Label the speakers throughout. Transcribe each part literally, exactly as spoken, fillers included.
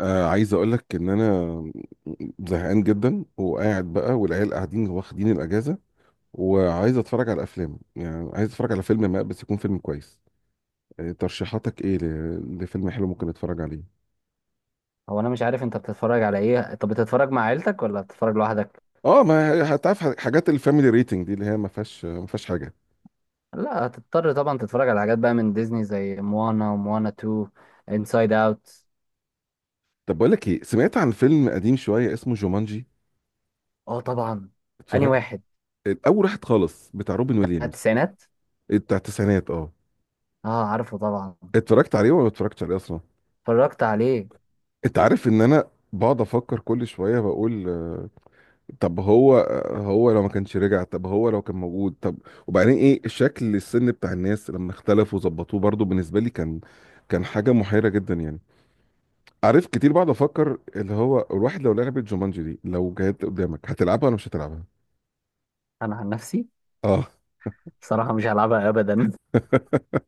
Speaker 1: آه عايز اقول لك ان انا زهقان جدا وقاعد بقى، والعيال قاعدين واخدين الاجازه، وعايز اتفرج على افلام. يعني عايز اتفرج على فيلم ما بس يكون فيلم كويس. آه ترشيحاتك ايه ل- لفيلم حلو ممكن اتفرج عليه؟
Speaker 2: هو انا مش عارف انت بتتفرج على ايه؟ طب بتتفرج مع عيلتك ولا بتتفرج لوحدك؟
Speaker 1: اه، ما هتعرف حاجات الفاميلي ريتنج دي اللي هي ما فيهاش ما فيهاش حاجه.
Speaker 2: لا، هتضطر طبعا تتفرج على حاجات بقى من ديزني زي موانا وموانا اتنين، انسايد اوت.
Speaker 1: طب بقول لك ايه، سمعت عن فيلم قديم شويه اسمه جومانجي؟
Speaker 2: اه طبعا. اني
Speaker 1: اتفرجت
Speaker 2: واحد؟
Speaker 1: الاول، واحد خالص بتاع روبن
Speaker 2: بتاع
Speaker 1: ويليامز.
Speaker 2: التسعينات.
Speaker 1: آه، بتاع التسعينات، اه.
Speaker 2: اه، عارفه طبعا.
Speaker 1: اتفرجت عليه ولا ما اتفرجتش عليه اصلا؟
Speaker 2: اتفرجت عليه.
Speaker 1: انت عارف ان انا بقعد افكر كل شويه، بقول آه، طب هو هو لو ما كانش رجع، طب هو لو كان موجود، طب وبعدين ايه شكل السن بتاع الناس لما اختلفوا وظبطوه؟ برضو بالنسبه لي كان كان حاجه محيره جدا يعني. عارف، كتير بقعد افكر اللي هو الواحد لو لعبت جومانجي دي، لو جت قدامك هتلعبها ولا مش هتلعبها؟
Speaker 2: انا عن نفسي
Speaker 1: اه.
Speaker 2: بصراحة مش هلعبها ابدا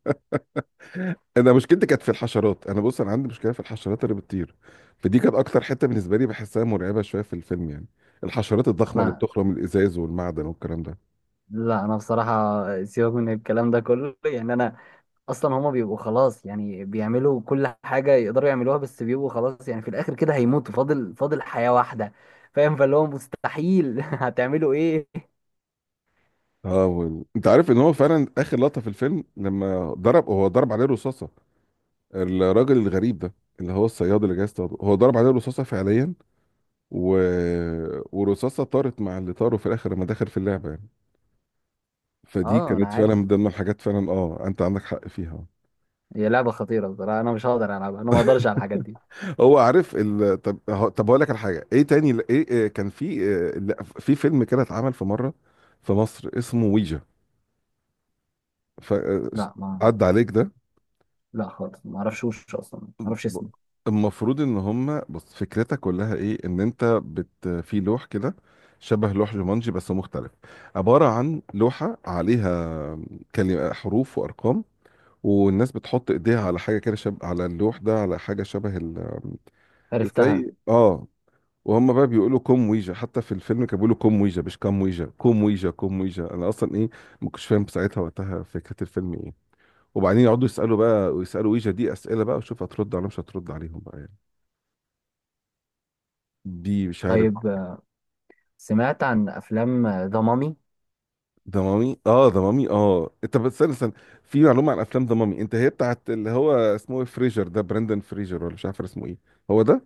Speaker 1: انا مشكلتي كانت في الحشرات. انا بص، انا عندي مشكله في الحشرات اللي بتطير. فدي كانت اكتر حته بالنسبه لي بحسها مرعبه شويه في الفيلم يعني. الحشرات الضخمه اللي
Speaker 2: انا
Speaker 1: بتخرم الازاز والمعدن والكلام ده.
Speaker 2: لا، انا بصراحة سيبك من الكلام ده كله يعني. انا اصلا هما بيبقوا خلاص، يعني بيعملوا كل حاجه يقدروا يعملوها، بس بيبقوا خلاص يعني في الاخر كده هيموتوا. فاضل فاضل حياه واحده، فاهم؟ فاللي هو مستحيل هتعملوا ايه.
Speaker 1: اه، وال- انت عارف ان هو فعلا اخر لقطه في الفيلم لما ضرب، هو ضرب عليه رصاصه، الراجل الغريب ده، اللي هو الصياد اللي جاي يصطاده، هو ضرب عليه رصاصه فعليا. و... ورصاصه طارت مع اللي طاروا في الاخر لما دخل في اللعبه يعني. فدي
Speaker 2: اه انا
Speaker 1: كانت فعلا
Speaker 2: عارف.
Speaker 1: من ضمن الحاجات، فعلا اه، انت عندك حق فيها.
Speaker 2: هي لعبه خطيره بصراحه، انا مش هقدر العبها، انا ما اقدرش على الحاجات دي.
Speaker 1: هو عارف ال... طب هو- طب هقول لك على حاجه. ايه تاني؟ ل- ايه إيه كان في إيه، لا، في فيلم كده اتعمل في مره في مصر اسمه ويجا. ف...
Speaker 2: لا، ما،
Speaker 1: عدى عليك ده؟
Speaker 2: لا خالص ما اعرفش. وش اصلا ما اعرفش
Speaker 1: ب-
Speaker 2: اسمه.
Speaker 1: المفروض ان هم، بص، فكرتها كلها ايه؟ ان انت بت في لوح كده، شبه لوح جومانجي بس مختلف. عبارة عن لوحة عليها كلمة، حروف وارقام، والناس بتحط ايديها على حاجة كده شبه، على اللوح ده، على حاجة شبه ال...
Speaker 2: عرفتها.
Speaker 1: ازاي، اه. وهم بقى بيقولوا كوم ويجا، حتى في الفيلم كانوا بيقولوا كوم ويجا مش كام ويجا، كوم ويجا كوم ويجا. انا اصلا ايه، ما كنتش فاهم ساعتها وقتها فكرة الفيلم ايه. وبعدين يقعدوا يسألوا بقى، ويسألوا ويجا دي اسئلة بقى، وشوف هترد عليهم مش هترد عليهم بقى يعني. دي مش عارف.
Speaker 2: طيب. آه، سمعت عن افلام ذا مامي؟
Speaker 1: ضمامي، اه، ضمامي، اه انت بس استنى استنى. في معلومه عن افلام ضمامي. انت هي بتاعت اللي هو اسمه ايه، فريجر ده، براندن فريجر، ولا مش عارف اسمه ايه؟ هو ده.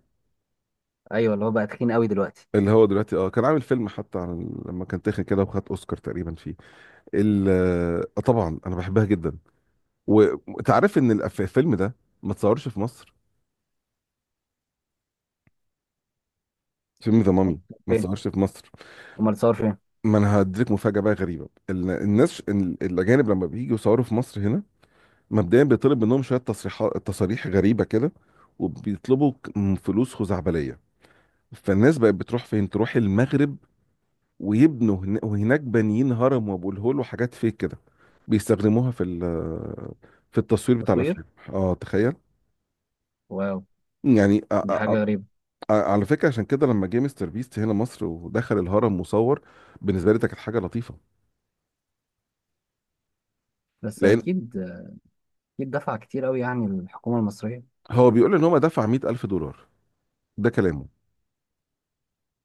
Speaker 2: ايوه، اللي هو بقى تخين قوي دلوقتي.
Speaker 1: اللي هو دلوقتي اه كان عامل فيلم حتى عن ال- لما كان تخن كده وخد اوسكار تقريبا فيه. ال آه طبعا، انا بحبها جدا. وانت عارف ان الأف- الفيلم ده ما اتصورش في مصر؟ فيلم
Speaker 2: أمال
Speaker 1: ضمامي ما
Speaker 2: فين؟
Speaker 1: اتصورش في مصر.
Speaker 2: امال صور فين؟
Speaker 1: ما انا هديك مفاجاه بقى غريبه. ال- الناس ال- الاجانب لما بييجوا يصوروا في مصر هنا، مبدئيا بيطلب منهم شويه تصريحات، تصاريح غريبه كده، وبيطلبوا ك- م- فلوس خزعبليه. فالناس بقت بتروح فين؟ تروح المغرب، ويبنوا هنا- وهناك بانيين هرم وابو الهول وحاجات فيك كده، بيستخدموها في ال- في التصوير بتاع
Speaker 2: تصوير.
Speaker 1: الافلام. اه، تخيل.
Speaker 2: واو،
Speaker 1: يعني أ-
Speaker 2: دي
Speaker 1: أ-
Speaker 2: حاجه غريبه.
Speaker 1: أ- على فكره عشان كده، لما جه مستر بيست هنا مصر ودخل الهرم وصور، بالنسبه لي ده كانت حاجه لطيفه،
Speaker 2: بس
Speaker 1: لان
Speaker 2: اكيد. أكيد دفع كتير أوي يعني الحكومة المصرية.
Speaker 1: هو بيقول ان هو دفع مية ألف دولار. ده كلامه.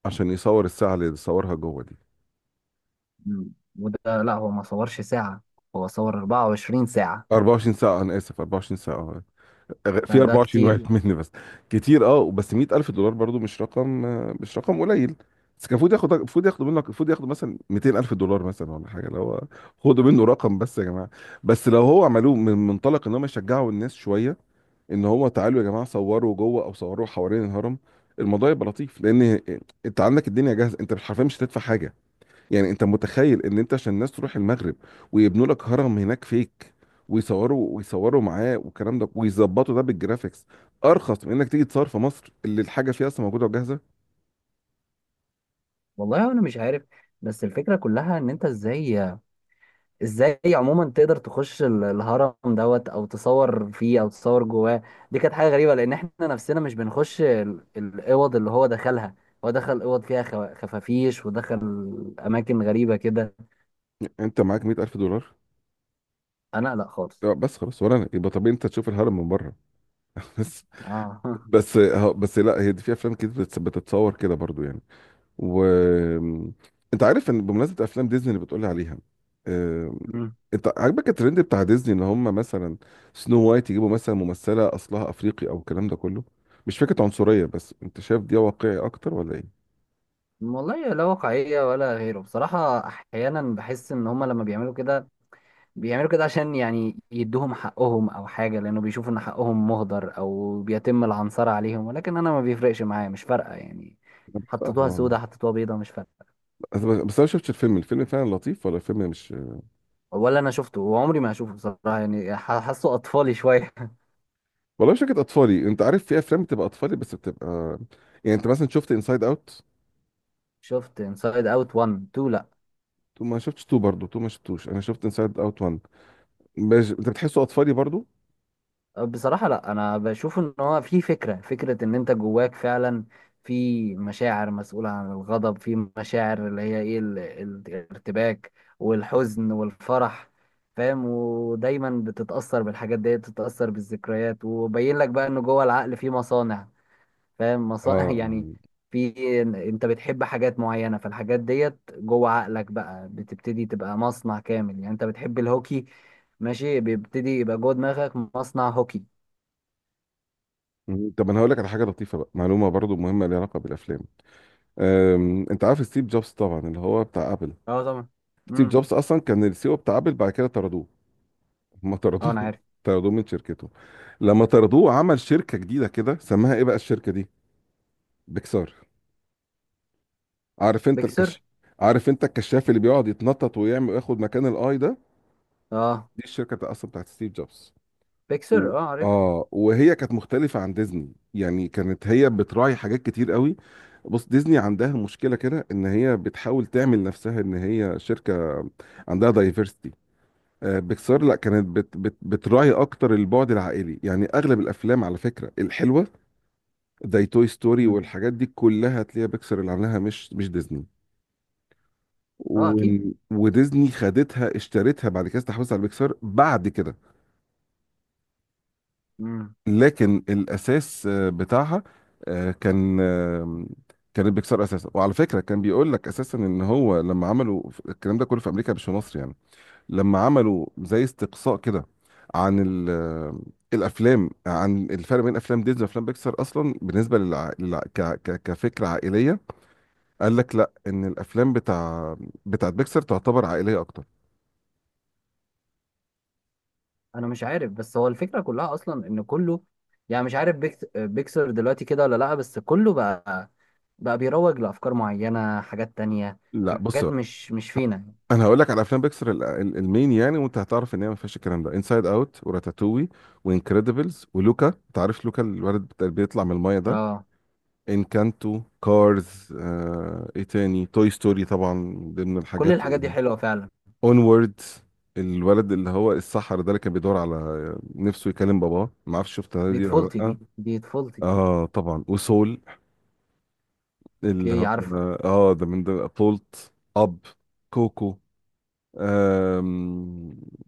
Speaker 1: عشان يصور الساعه اللي صورها جوه دي،
Speaker 2: مم. وده لا، هو ما صورش ساعة، هو صور اربعة وعشرين ساعة.
Speaker 1: أربعة وعشرين ساعة. أنا آسف، أربعة وعشرين ساعة، آه. غ- في
Speaker 2: فده
Speaker 1: أربعة وعشرين
Speaker 2: كتير.
Speaker 1: واحد مني بس. كتير، أه، بس 100000 ألف دولار برضو مش رقم، آه، مش رقم قليل. بس كان المفروض ياخد، المفروض ياخدوا منك، المفروض ياخدوا مثلا 200000 ألف دولار مثلا ولا حاجة، اللي هو خدوا منه رقم بس يا جماعة. بس لو هو عملوه من منطلق إن هم يشجعوا الناس شوية، إن هو تعالوا يا جماعة صوروا جوه أو صوروا حوالين الهرم، الموضوع يبقى لطيف. لأن أنت عندك الدنيا جاهزة، أنت حرفيا مش هتدفع حاجة. يعني انت متخيل ان انت عشان الناس تروح المغرب ويبنوا لك هرم هناك فيك، ويصوروا ويصوروا معاه والكلام ده، ويظبطوا ده بالجرافيكس، ارخص من انك تيجي تصور في مصر اللي الحاجه فيها اصلا موجوده وجاهزه؟
Speaker 2: والله أنا مش عارف. بس الفكرة كلها إن أنت إزاي، إزاي عموما تقدر تخش ال- الهرم دوت، أو تصور فيه، أو تصور جواه. دي كانت حاجة غريبة، لأن إحنا نفسنا مش بنخش ال- الأوض اللي هو دخلها. هو دخل أوض فيها خوا- خفافيش، ودخل أماكن غريبة كده.
Speaker 1: انت معاك مئة ألف دولار؟
Speaker 2: أنا لا خالص.
Speaker 1: اه بس خلاص، ولا أنا. يبقى طبيعي انت تشوف الهرم من بره. بس.
Speaker 2: آه.
Speaker 1: بس، اه، بس لا، هي دي في افلام كده بتت- بتتصور كده برضو يعني. و انت عارف ان بمناسبه افلام ديزني اللي بتقولي عليها، آه، انت عاجبك الترند بتاع ديزني ان هم مثلا سنو وايت يجيبوا مثلا ممثله اصلها افريقي او الكلام ده كله؟ مش فكره عنصريه، بس انت شايف دي واقعي اكتر ولا ايه؟
Speaker 2: والله لا واقعية ولا غيره بصراحة. أحيانا بحس إن هما لما بيعملوا كده بيعملوا كده عشان يعني يدوهم حقهم أو حاجة، لأنه بيشوفوا إن حقهم مهدر أو بيتم العنصرة عليهم، ولكن أنا ما بيفرقش معايا، مش فارقة يعني.
Speaker 1: انا بحسها
Speaker 2: حطيتوها
Speaker 1: هو-
Speaker 2: سودة، حطيتوها بيضة، مش فارقة.
Speaker 1: بس، بس انا شفت الفيلم، الفيلم فعلا لطيف ولا الفيلم مش؟
Speaker 2: ولا أنا شفته، وعمري ما هشوفه بصراحة يعني. ح- حاسه أطفالي شوية.
Speaker 1: والله مش فكره اطفالي. انت عارف في افلام بتبقى اطفالي بس بتبقى، يعني، انت مثلا شفت انسايد اوت
Speaker 2: شفت انسايد أوت واحد، اتنين، لأ.
Speaker 1: تو؟ ما شفتش تو برضه، تو ما شفتوش. انا شفت انسايد اوت واحد مش... انت بتحسه اطفالي برضه؟
Speaker 2: بصراحة لا، أنا بشوف إن هو في فكرة، فكرة إن أنت جواك فعلا في مشاعر مسؤولة عن الغضب، في مشاعر اللي هي إيه، ال- ال- الارتباك والحزن والفرح، فاهم؟ ودايما بتتأثر بالحاجات دي، بتتأثر بالذكريات، وبين لك بقى إن جوه العقل في مصانع، فاهم؟
Speaker 1: اه،
Speaker 2: مصانع يعني.
Speaker 1: آه.
Speaker 2: في إن- أنت بتحب حاجات معينة، فالحاجات ديت جوه عقلك بقى بتبتدي تبقى مصنع كامل. يعني أنت بتحب الهوكي، ماشي، بيبتدي يبقى جوه دماغك مصنع هوكي.
Speaker 1: مم. طب انا هقول لك على حاجه لطيفه بقى، معلومه برضه مهمه ليها علاقه بالافلام. أم، انت عارف ستيف جوبز طبعا، اللي هو بتاع ابل؟
Speaker 2: اه طبعا.
Speaker 1: ستيف
Speaker 2: امم.
Speaker 1: جوبز اصلا كان السي او بتاع ابل، بعد كده طردوه. ما
Speaker 2: اه
Speaker 1: طردوه
Speaker 2: انا عارف.
Speaker 1: طردوه من شركته. لما طردوه عمل شركه جديده، كده سماها ايه بقى الشركه دي؟ بيكسار. عارف انت الكش
Speaker 2: بيكسر.
Speaker 1: عارف انت الكشاف اللي بيقعد يتنطط ويعمل وياخد مكان الاي ده؟
Speaker 2: اه،
Speaker 1: دي الشركه بتاع، اصلا، بتاعت ستيف جوبز. و...
Speaker 2: بيكسر اه، عارف.
Speaker 1: اه، وهي كانت مختلفة عن ديزني يعني. كانت هي بتراعي حاجات كتير قوي. بص، ديزني عندها مشكلة كده ان هي بتحاول تعمل نفسها ان هي شركة عندها دايفرستي. آه، بيكسار لا، كانت بت بت بتراعي اكتر البعد العائلي. يعني اغلب الافلام على فكرة الحلوة، زي توي ستوري
Speaker 2: امم.
Speaker 1: والحاجات دي كلها، تلاقيها بيكسار اللي عاملاها، مش مش ديزني.
Speaker 2: اه
Speaker 1: و...
Speaker 2: اكيد.
Speaker 1: وديزني خدتها، اشترتها بعد كده، استحوذت على بيكسار بعد كده.
Speaker 2: امم.
Speaker 1: لكن الاساس آه، بتاعها آه، كان آه، كانت بيكسر اساسا. وعلى فكره كان بيقول لك اساسا ان هو لما عملوا الكلام ده كله في امريكا، مش في مصر يعني، لما عملوا زي استقصاء كده عن ال- آه، الافلام، عن الفرق بين افلام ديزني وافلام بيكسر اصلا بالنسبه للع... للع... ك... ك... كفكره عائليه، قال لك لا، ان الافلام بتاع بتاعت بيكسر تعتبر عائليه اكتر.
Speaker 2: انا مش عارف، بس هو الفكره كلها اصلا ان كله، يعني مش عارف بيكس... بيكسر دلوقتي كده ولا لا. بس كله بقى بقى بيروج لافكار معينه، حاجات تانية،
Speaker 1: لا بص،
Speaker 2: حاجات مش مش فينا.
Speaker 1: انا هقول لك على افلام بيكسر ال- ال- المين يعني، وانت هتعرف ان هي ما فيهاش الكلام ده. انسايد اوت، وراتاتوي، وانكريدبلز، ولوكا. انت عارف لوكا الولد بت- اللي بيطلع من المايه ده؟
Speaker 2: اه،
Speaker 1: انكانتو، كارز، آه... ايه تاني، توي ستوري طبعا من ضمن
Speaker 2: كل
Speaker 1: الحاجات،
Speaker 2: الحاجات دي حلوه فعلا.
Speaker 1: اونورد، الولد اللي هو السحر ده اللي كان بيدور على نفسه يكلم باباه. ما اعرفش شفتها
Speaker 2: دي
Speaker 1: دي ولا
Speaker 2: طفولتي، دي
Speaker 1: لا؟
Speaker 2: دي طفولتي.
Speaker 1: اه طبعا. وسول، اللي
Speaker 2: اوكي
Speaker 1: هو،
Speaker 2: عارفه.
Speaker 1: اه، ده من ضمن، بولت اب، كوكو، آه...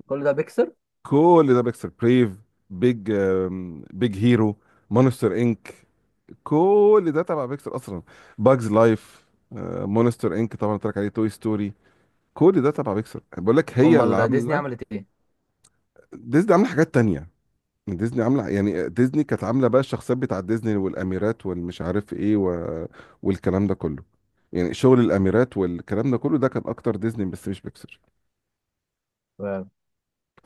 Speaker 2: كل ده بيكسر.
Speaker 1: كل ده بيكسر. بريف، بيج آم، بيج هيرو، مونستر انك. كل ده تبع بيكسر اصلا. باجز لايف. آه، مونستر انك طبعا قلت لك عليه، توي ستوري، كل ده تبع بيكسر، بقول لك هي اللي
Speaker 2: امال ديزني
Speaker 1: عامله.
Speaker 2: عملت ايه؟
Speaker 1: ديزني عامله حاجات تانية. ديزني عامله، يعني، ديزني كانت عامله بقى الشخصيات بتاع ديزني، والاميرات، والمش عارف ايه، و... والكلام ده كله. يعني شغل الاميرات والكلام ده كله، ده كان اكتر ديزني بس مش بيكسر.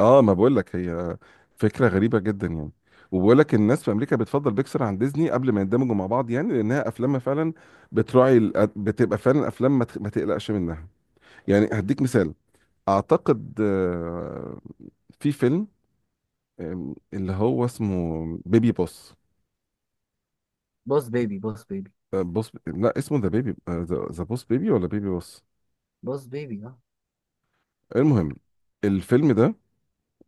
Speaker 1: اه، ما بقول لك، هي فكره غريبه جدا يعني. وبقول لك الناس في امريكا بتفضل بيكسر عن ديزني قبل ما يندمجوا مع بعض، يعني لانها افلامها فعلا بتراعي الأ- بتبقى فعلا افلام ما تخ- ما تقلقش منها يعني. هديك مثال، اعتقد، آه، في فيلم، آم، اللي هو اسمه بيبي بوس.
Speaker 2: بوس بيبي، بوس بيبي
Speaker 1: آه، بوس، لا اسمه ذا بيبي، ذا بوس بيبي، ولا بيبي بوس؟
Speaker 2: بوس بيبي اه.
Speaker 1: المهم، الفيلم ده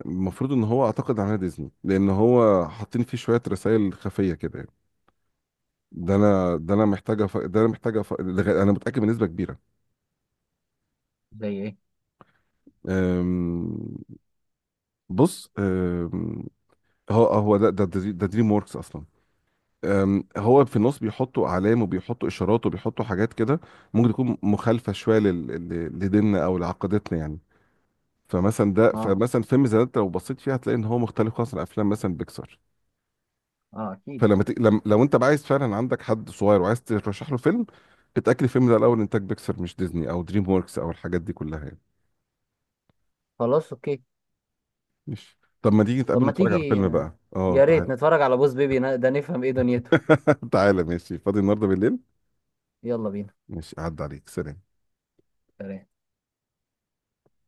Speaker 1: المفروض ان هو، اعتقد، عمل ديزني، لان هو حاطين فيه شويه رسائل خفيه كده يعني. ده انا ده انا محتاجه ف... ده انا محتاجه ف... لغا- انا متاكد بنسبه كبيره.
Speaker 2: زي ايه؟
Speaker 1: أم... بص، أم... هو هو ده ده دري- ده دريم ووركس اصلا. أم... هو في النص بيحطوا اعلام، وبيحطوا اشارات، وبيحطوا حاجات كده ممكن تكون مخالفه شويه لل... ل- لديننا او لعقيدتنا يعني. فمثلا ده
Speaker 2: اه.
Speaker 1: فمثلا فيلم زي ده، انت لو بصيت فيه هتلاقي ان هو مختلف خالص عن افلام مثلا بيكسار.
Speaker 2: اه اكيد.
Speaker 1: فلما ت... لم... لو انت بقى عايز فعلا عندك حد صغير وعايز ترشح له فيلم، اتاكد الفيلم ده الاول انتاج بيكسار، مش ديزني او دريم ووركس او الحاجات دي كلها يعني.
Speaker 2: خلاص اوكي.
Speaker 1: ماشي، طب ما تيجي
Speaker 2: طب
Speaker 1: نتقابل
Speaker 2: ما
Speaker 1: ونتفرج على
Speaker 2: تيجي،
Speaker 1: فيلم بقى؟ اه
Speaker 2: يا ريت
Speaker 1: تعالى.
Speaker 2: نتفرج على بوس بيبي ده نفهم ايه دنيته.
Speaker 1: تعالى، ماشي، فاضي النهارده بالليل.
Speaker 2: يلا بينا.
Speaker 1: ماشي، عدى عليك، سلام.
Speaker 2: سلام.